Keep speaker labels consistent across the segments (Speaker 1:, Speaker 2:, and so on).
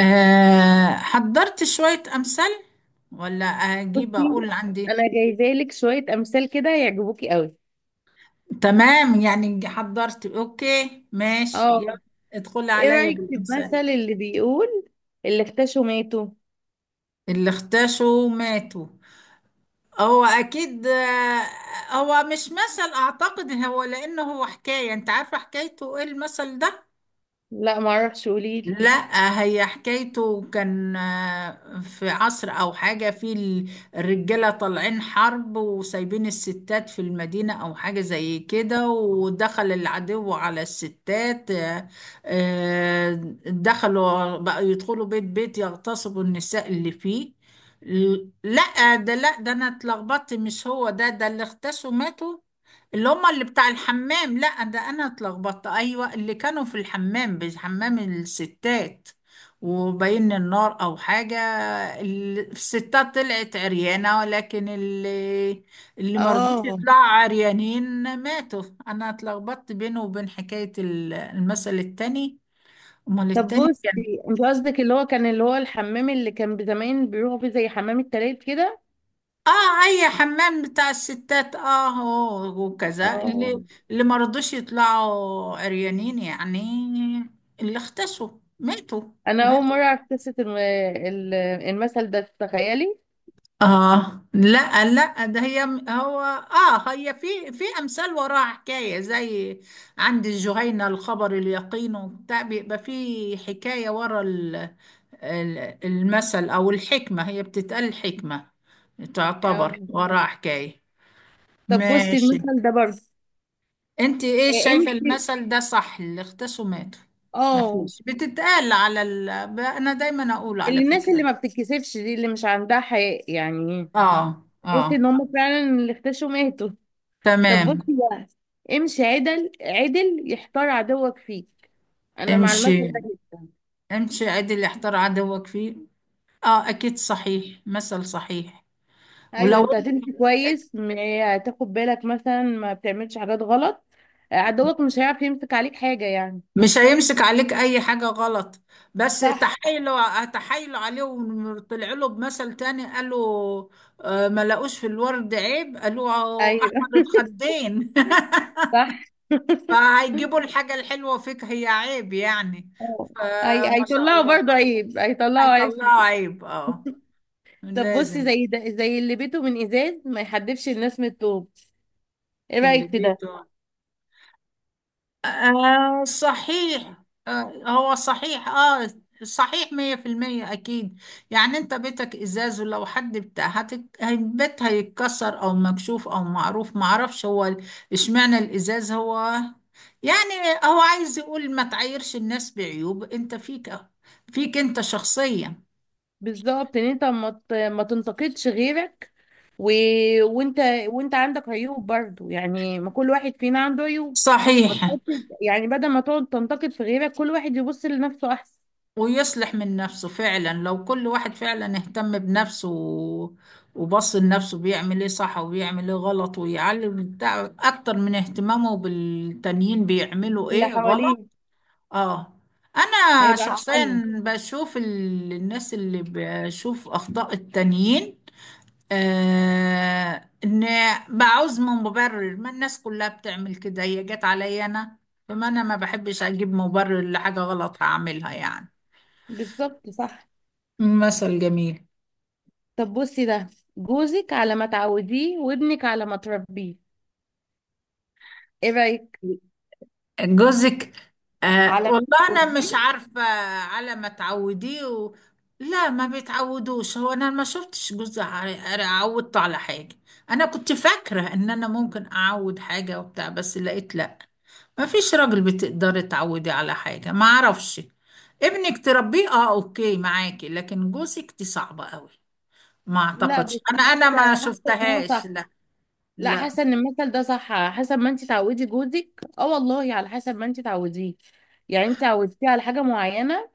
Speaker 1: حضرت شوية أمثال. ولا أجيب،
Speaker 2: بصي،
Speaker 1: أقول عندي.
Speaker 2: انا جايبالك شويه امثال كده يعجبوكي قوي.
Speaker 1: تمام، يعني حضرت. أوكي، ماشي، يلا.
Speaker 2: اه.
Speaker 1: ادخل
Speaker 2: ايه
Speaker 1: عليا
Speaker 2: رايك في المثل
Speaker 1: بالأمثال.
Speaker 2: اللي بيقول اللي اختشوا ماتوا؟
Speaker 1: اللي اختشوا ماتوا. هو أكيد، هو مش مثل أعتقد، هو لأنه هو حكاية. أنت عارفة حكايته إيه المثل ده؟
Speaker 2: لا، ما اعرفش، قوليلي.
Speaker 1: لا، هي حكايته كان، في عصر او حاجة، في الرجالة طالعين حرب، وسايبين الستات في المدينة او حاجة زي كده، ودخل العدو على الستات، دخلوا بقى يدخلوا بيت بيت، يغتصبوا النساء اللي فيه. لا ده، لا ده انا اتلخبطت، مش هو ده اللي اغتصوا ماتوا. اللي هما اللي بتاع الحمام. لا، ده انا اتلخبطت، ايوه، اللي كانوا في الحمام، حمام الستات وبين النار او حاجه. الستات طلعت عريانه، ولكن اللي مرضوش
Speaker 2: اه.
Speaker 1: يطلعوا عريانين ماتوا. انا اتلخبطت بينه وبين حكايه المثل التاني. امال
Speaker 2: طب
Speaker 1: التاني كان
Speaker 2: بصي، انت قصدك اللي هو كان، اللي هو الحمام اللي كان زمان بيروحوا فيه زي حمام التلات كده.
Speaker 1: اه اي حمام بتاع الستات، اه، هو وكذا،
Speaker 2: اه.
Speaker 1: اللي ما رضوش يطلعوا عريانين يعني. اللي اختسوا ماتوا،
Speaker 2: انا اول
Speaker 1: ماتوا.
Speaker 2: مره اعرف قصه المثل ده، تخيلي.
Speaker 1: اه لا، لا، ده هي هو، هي في امثال وراها حكايه، زي عند الجهينه الخبر اليقين، وبتاع بيبقى في حكايه ورا المثل او الحكمه، هي بتتقال حكمه، تعتبر
Speaker 2: اه.
Speaker 1: وراها حكايه.
Speaker 2: طب بصي
Speaker 1: ماشي.
Speaker 2: المثل ده برضه،
Speaker 1: انت ايه شايفه
Speaker 2: امشي.
Speaker 1: المثل ده صح، اللي اختصوا ماتوا؟ ما
Speaker 2: اه.
Speaker 1: فيش بتتقال على انا دايما اقول، على
Speaker 2: اللي الناس اللي
Speaker 1: فكره.
Speaker 2: ما بتتكسفش دي اللي مش عندها حياء يعني،
Speaker 1: اه،
Speaker 2: تحسي
Speaker 1: اه،
Speaker 2: ان هم فعلا اللي اختشوا ماتوا. طب بصي
Speaker 1: تمام.
Speaker 2: بقى، امشي عدل عدل يحتار عدوك فيك، انا مع المثل ده
Speaker 1: امشي.
Speaker 2: جدا.
Speaker 1: امشي ادي اللي احتار عدوك فيه. اه، اكيد صحيح، مثل صحيح.
Speaker 2: ايوه
Speaker 1: ولو
Speaker 2: انت
Speaker 1: انت
Speaker 2: هتمشي كويس، هتاخد بالك مثلا ما بتعملش حاجات غلط، عدوك مش هيعرف يمسك عليك حاجة يعني.
Speaker 1: مش هيمسك عليك اي حاجه غلط. بس
Speaker 2: صح.
Speaker 1: تحايلوا تحايلوا عليه، وطلع له بمثل تاني، قالوا آه، ما لقوش في الورد عيب، قالوا احمر
Speaker 2: ايوه
Speaker 1: الخدين.
Speaker 2: صح.
Speaker 1: فهيجيبوا الحاجة الحلوة فيك هي عيب يعني.
Speaker 2: اه. اي
Speaker 1: فما شاء
Speaker 2: هيطلعوا
Speaker 1: الله.
Speaker 2: برضه عيب، هيطلعوا عيب
Speaker 1: هيطلعوا
Speaker 2: فيك.
Speaker 1: عيب، اه.
Speaker 2: طب بصي
Speaker 1: لازم.
Speaker 2: زي ده، زي اللي بيته من ازاز ما يحدفش الناس من الطوب، ايه
Speaker 1: اللي
Speaker 2: رأيك في ده؟
Speaker 1: بيته، آه صحيح، آه هو صحيح، اه. صحيح 100%، أكيد. يعني أنت بيتك إزاز، ولو حد بتاع البيت هيتكسر، أو مكشوف أو معروف، معرفش هو إشمعنى الإزاز هو، يعني هو عايز يقول، ما تعايرش الناس بعيوب أنت فيك، فيك أنت شخصيا.
Speaker 2: بالظبط، ان انت ما تنتقدش غيرك، و... وانت، عندك عيوب برضو يعني، ما كل واحد فينا عنده عيوب. ما
Speaker 1: صحيح.
Speaker 2: تحطش يعني، بدل ما تقعد تنتقد في غيرك كل واحد يبص لنفسه احسن.
Speaker 1: ويصلح من نفسه فعلا، لو كل واحد فعلا اهتم بنفسه وبص لنفسه بيعمل ايه صح وبيعمل ايه غلط، ويعلم بتاع اكتر من اهتمامه بالتانيين بيعملوا
Speaker 2: اللي
Speaker 1: ايه غلط.
Speaker 2: حواليه
Speaker 1: اه. انا
Speaker 2: هيبقى احسن له.
Speaker 1: شخصيا بشوف الناس اللي بشوف اخطاء التانيين، آه ان بعوز من مبرر، ما الناس كلها بتعمل كده، هي جت عليا انا؟ فما انا ما بحبش اجيب مبرر لحاجة غلط هعملها يعني.
Speaker 2: بالظبط صح.
Speaker 1: مثل جميل.
Speaker 2: طب بصي ده، جوزك على ما تعوديه وابنك على ما تربيه، ايه رايك؟
Speaker 1: جوزك، آه
Speaker 2: على ما
Speaker 1: والله انا
Speaker 2: تعوديه؟
Speaker 1: مش عارفه. على ما تعوديه و... لا، ما بيتعودوش، هو انا ما شفتش جوزي عودته على حاجه. انا كنت فاكره ان انا ممكن اعود حاجه وبتاع، بس لقيت لا. ما فيش راجل بتقدري تعودي على حاجه، ما اعرفش. ابنك تربيه، اه، اوكي معاكي، لكن جوزك دي صعبه قوي. ما
Speaker 2: لا بس
Speaker 1: اعتقدش انا
Speaker 2: حاسه
Speaker 1: انا ما
Speaker 2: حاسه ان هو
Speaker 1: شفتهاش،
Speaker 2: صح.
Speaker 1: لا.
Speaker 2: لا،
Speaker 1: لا.
Speaker 2: حاسه ان المثل ده صح، على حسب ما انت تعودي جوزك. اه والله، على حسب ما انت تعوديه. يعني انت عودتيه على حاجه معينه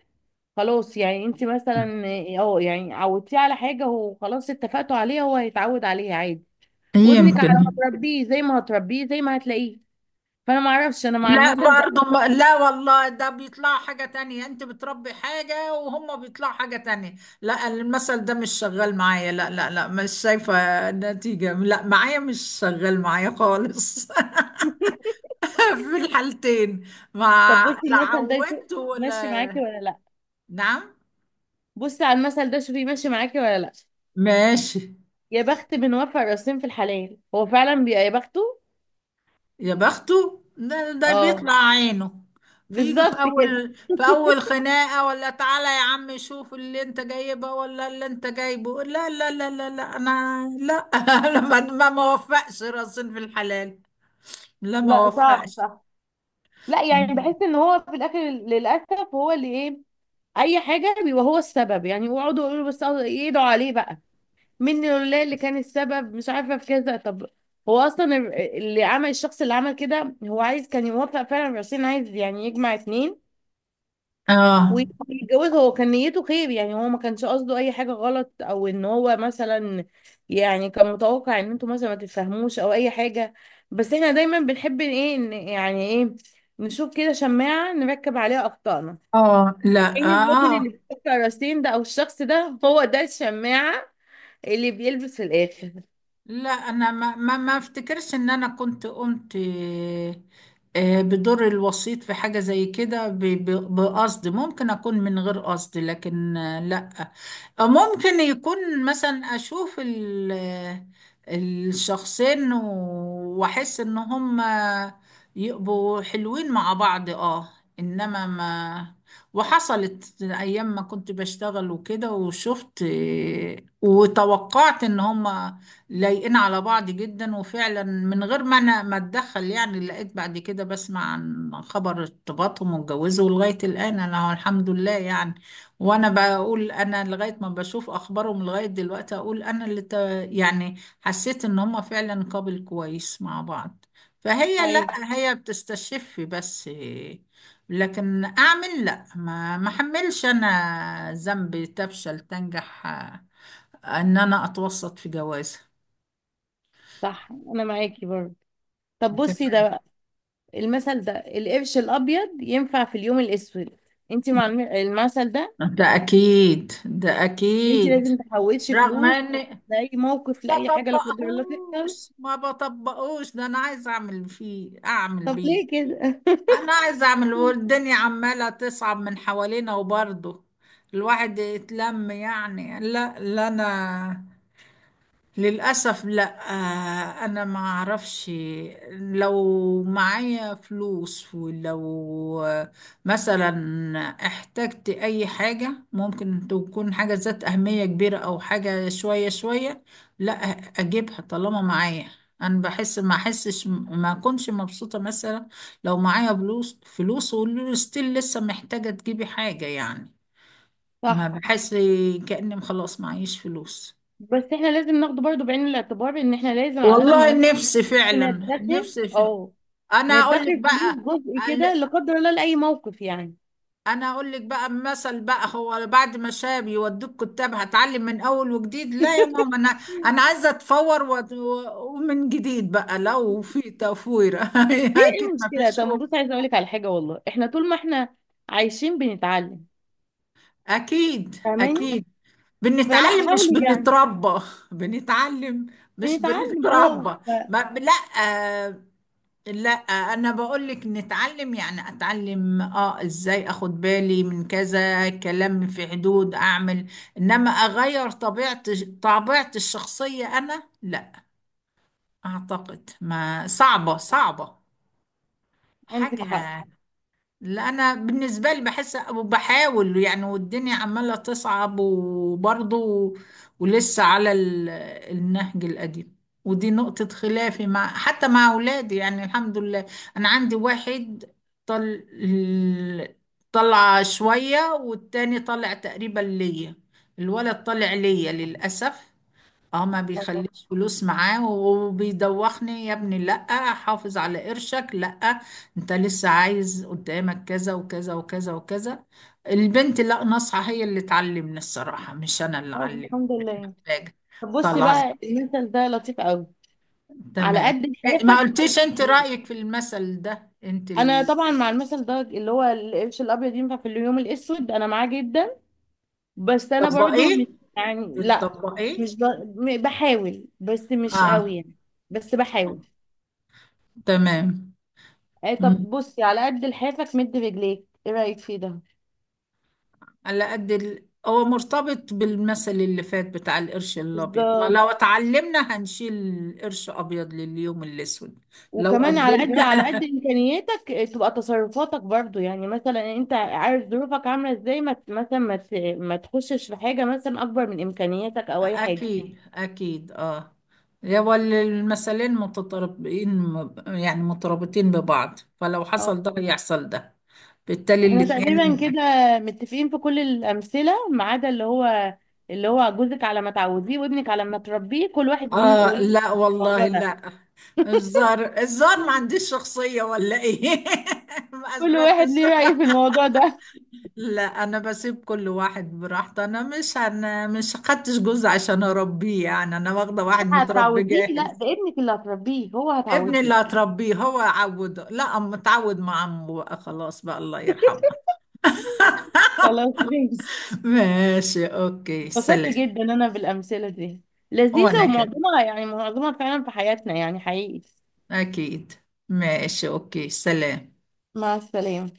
Speaker 2: خلاص، يعني انت مثلا يعني عودتيه على حاجه وخلاص، اتفقتوا عليها، هو هيتعود عليها عادي. وابنك على ما
Speaker 1: يمكن.
Speaker 2: تربيه، زي ما هتربيه زي ما هتلاقيه. فانا ما اعرفش، انا مع
Speaker 1: لا،
Speaker 2: المثل ده.
Speaker 1: برضو ما، لا والله، ده بيطلع حاجة تانية، انت بتربي حاجة وهم بيطلعوا حاجة تانية. لا، المثل ده مش شغال معايا، لا لا لا، مش شايفة نتيجة، لا معايا، مش شغال معايا خالص. في الحالتين. ما،
Speaker 2: طب بصي
Speaker 1: لا
Speaker 2: المثل ده
Speaker 1: عودت
Speaker 2: ماشي
Speaker 1: ولا...
Speaker 2: معاكي ولا لا؟
Speaker 1: نعم.
Speaker 2: بصي على المثل ده، شوفي ماشي معاكي ولا لا.
Speaker 1: ماشي.
Speaker 2: يا بخت من وفى الراسين في الحلال، هو فعلا بيبقى يا بخته.
Speaker 1: يا بخته، ده
Speaker 2: اه.
Speaker 1: بيطلع عينه. فيجي في
Speaker 2: بالظبط كده.
Speaker 1: اول، خناقه، ولا تعالى يا عم شوف اللي انت جايبه، ولا اللي انت جايبه، لا لا لا لا لا، انا لا. انا ما وفقش راسين في الحلال. لا، ما
Speaker 2: لا صعب،
Speaker 1: وفقش.
Speaker 2: صح. لا يعني، بحس ان هو في الاخر للاسف هو اللي ايه، اي حاجه بيبقى هو السبب، يعني يقعدوا يقولوا بس أه يدعوا عليه بقى، من لله اللي كان السبب، مش عارفه في كذا. طب هو اصلا اللي عمل، الشخص اللي عمل كده هو عايز كان يوفق فعلا الرئيسين، عايز يعني يجمع اتنين
Speaker 1: اه،
Speaker 2: ويتجوز، هو كان نيته خير يعني، هو ما كانش قصده اي حاجه غلط او ان هو مثلا، يعني كان متوقع ان انتوا مثلا ما تتفهموش او اي حاجه. بس احنا دايما بنحب ايه يعني ايه، نشوف كده شماعه نركب عليها اخطائنا.
Speaker 1: اه، لا،
Speaker 2: يعني الراجل
Speaker 1: اه،
Speaker 2: اللي
Speaker 1: آه.
Speaker 2: بيحط راسين ده او الشخص ده هو ده الشماعه اللي بيلبس في الاخر.
Speaker 1: لا انا ما افتكرش ان انا كنت قمت، بدور الوسيط في حاجة زي كده، بقصد، ممكن اكون من غير قصد، لكن لا. ممكن يكون مثلا، اشوف الشخصين واحس ان هم يبقوا حلوين مع بعض، اه. انما ما، وحصلت ايام ما كنت بشتغل وكده، وشفت، وتوقعت ان هم لايقين على بعض جدا، وفعلا من غير ما انا ما اتدخل يعني، لقيت بعد كده بسمع عن خبر ارتباطهم واتجوزوا لغاية الآن، انا الحمد لله يعني. وانا بقول، انا لغاية ما بشوف اخبارهم لغاية دلوقتي، اقول انا يعني حسيت ان هم فعلا قابل كويس مع بعض، فهي،
Speaker 2: ايوه
Speaker 1: لا هي بتستشف بس، لكن اعمل، لا ما احملش انا ذنب تفشل تنجح، ان انا اتوسط في جوازها.
Speaker 2: صح، انا معاكي برضه. طب بصي
Speaker 1: تمام.
Speaker 2: ده بقى، المثل ده، القرش الابيض ينفع في اليوم الاسود، انت مع المثل ده؟
Speaker 1: ده اكيد، ده
Speaker 2: انت
Speaker 1: اكيد.
Speaker 2: لازم تحوشي
Speaker 1: رغم
Speaker 2: فلوس
Speaker 1: اني
Speaker 2: لاي موقف،
Speaker 1: ما
Speaker 2: لاي حاجه لا قدر الله تحصل.
Speaker 1: بطبقهوش، ما بطبقهوش، ده انا عايز اعمل فيه، اعمل
Speaker 2: طب
Speaker 1: بيه.
Speaker 2: ليه كده؟
Speaker 1: انا عايز اعمل، والدنيا عماله تصعب من حوالينا، وبرضه الواحد يتلم يعني، لا لا، انا للأسف لا. أنا ما أعرفش. لو معايا فلوس، ولو، مثلا احتجت أي حاجة، ممكن تكون حاجة ذات أهمية كبيرة أو حاجة شوية شوية، لا، أجيبها طالما معايا. أنا بحس، ما أحسش ما أكونش مبسوطة، مثلا لو معايا فلوس فلوس، وستيل لسه محتاجة تجيبي حاجة يعني. ما
Speaker 2: صح.
Speaker 1: بحس كأني خلاص معيش فلوس.
Speaker 2: بس احنا لازم ناخده برضو بعين الاعتبار، ان احنا لازم على قد ما
Speaker 1: والله نفسي
Speaker 2: نعرف
Speaker 1: فعلا،
Speaker 2: ندخر.
Speaker 1: نفسي
Speaker 2: اه،
Speaker 1: انا
Speaker 2: ندخر
Speaker 1: اقول لك
Speaker 2: فلوس
Speaker 1: بقى،
Speaker 2: جزء كده
Speaker 1: قال-
Speaker 2: لا قدر الله لاي موقف يعني.
Speaker 1: انا اقول لك بقى مثل بقى، هو بعد ما شاب يودوك كتاب، هتعلم من اول وجديد، لا يا ماما، انا انا عايزه اتفور ومن جديد بقى، لو في تفوير.
Speaker 2: ليه؟
Speaker 1: اكيد
Speaker 2: ايه
Speaker 1: ما
Speaker 2: المشكله؟
Speaker 1: فيش
Speaker 2: طب
Speaker 1: قوة.
Speaker 2: بص، عايزه اقول لك على حاجه، والله احنا طول ما احنا عايشين بنتعلم،
Speaker 1: اكيد،
Speaker 2: فاهماني؟
Speaker 1: اكيد.
Speaker 2: فلا،
Speaker 1: بنتعلم مش
Speaker 2: حاولي يعني.
Speaker 1: بنتربى. بنتعلم مش
Speaker 2: بنتعلم اه،
Speaker 1: بنتربى. ما... لا. آه، لا، انا بقول لك نتعلم، يعني اتعلم، اه، ازاي اخد بالي من كذا، كلام في حدود اعمل، انما اغير طبيعة الشخصية، انا لا اعتقد، ما صعبة، صعبة حاجة.
Speaker 2: عندك حق.
Speaker 1: لا، انا بالنسبه لي بحس وبحاول يعني، والدنيا عماله تصعب، وبرضه ولسه على النهج القديم. ودي نقطه خلافي مع، حتى مع اولادي يعني. الحمد لله، انا عندي واحد طل طلع شويه، والتاني طلع تقريبا ليا. الولد طلع ليا للاسف. اه، ما
Speaker 2: طب.
Speaker 1: بيخليش فلوس معاه، وبيدوخني، يا ابني لأ، حافظ على قرشك، لأ، انت لسه عايز قدامك كذا وكذا وكذا وكذا. البنت لأ، ناصحة، هي اللي تعلمنا الصراحة، مش انا اللي
Speaker 2: طب
Speaker 1: علمت،
Speaker 2: الحمد
Speaker 1: مش
Speaker 2: لله.
Speaker 1: محتاجة.
Speaker 2: طب بصي
Speaker 1: طلع خلاص.
Speaker 2: بقى المثل ده لطيف قوي، على
Speaker 1: تمام.
Speaker 2: قد
Speaker 1: إيه، ما
Speaker 2: لحافك
Speaker 1: قلتيش انت
Speaker 2: بتجري.
Speaker 1: رأيك في المثل ده، انت
Speaker 2: انا طبعا مع المثل ده اللي هو القرش الابيض ينفع في اليوم الاسود، انا معاه جدا، بس انا برضو مش
Speaker 1: بتطبقيه؟
Speaker 2: يعني لا،
Speaker 1: بتطبقيه؟
Speaker 2: مش ب... م- بحاول، بس مش
Speaker 1: اه.
Speaker 2: قوي يعني، بس بحاول.
Speaker 1: تمام.
Speaker 2: اي طب بصي، على قد لحافك مد رجليك، ايه رايك في ده؟
Speaker 1: على قد هو مرتبط بالمثل اللي فات بتاع القرش الابيض، ما
Speaker 2: بالظبط.
Speaker 1: لو اتعلمنا هنشيل قرش ابيض لليوم الاسود. لو
Speaker 2: وكمان على قد
Speaker 1: قدمنا،
Speaker 2: على قد امكانياتك إيه، تبقى تصرفاتك برضو، يعني مثلا انت عارف ظروفك عامله ازاي، ما ت- مثلا ما تخشش في حاجه مثلا اكبر من امكانياتك او اي حاجه.
Speaker 1: اكيد اكيد، اه. هو المثلين متطابقين، يعني مترابطين ببعض، فلو حصل ده يحصل ده، بالتالي
Speaker 2: احنا تقريبا
Speaker 1: الاتنين.
Speaker 2: كده متفقين في كل الأمثلة، ما عدا اللي هو جوزك على ما تعوديه وابنك على ما تربيه، كل واحد وليه
Speaker 1: اه
Speaker 2: وليه،
Speaker 1: لا
Speaker 2: الموضوع
Speaker 1: والله،
Speaker 2: ده
Speaker 1: لا. الزار الزار، ما عنديش شخصية ولا ايه؟ ما
Speaker 2: كل واحد
Speaker 1: اثبتش.
Speaker 2: ليه رأي في الموضوع ده.
Speaker 1: لا، انا بسيب كل واحد براحته، انا مش، خدتش جوز عشان اربيه يعني، انا واخده واحد متربي
Speaker 2: هتعوديه؟ لا ده
Speaker 1: جاهز.
Speaker 2: ابنك اللي هتربيه، هو
Speaker 1: ابني
Speaker 2: هتعوديه.
Speaker 1: اللي هتربيه هو عوده، لا، اما اتعود مع عمه بقى خلاص، بقى الله يرحمه.
Speaker 2: خلاص ماشي.
Speaker 1: ماشي، اوكي،
Speaker 2: اتبسطت
Speaker 1: سلام.
Speaker 2: جدا انا بالأمثلة دي، لذيذة
Speaker 1: وانا كده،
Speaker 2: ومعظمها يعني معظمها فعلا في حياتنا يعني حقيقي.
Speaker 1: اكيد. ماشي، اوكي، سلام.
Speaker 2: مع السلامة.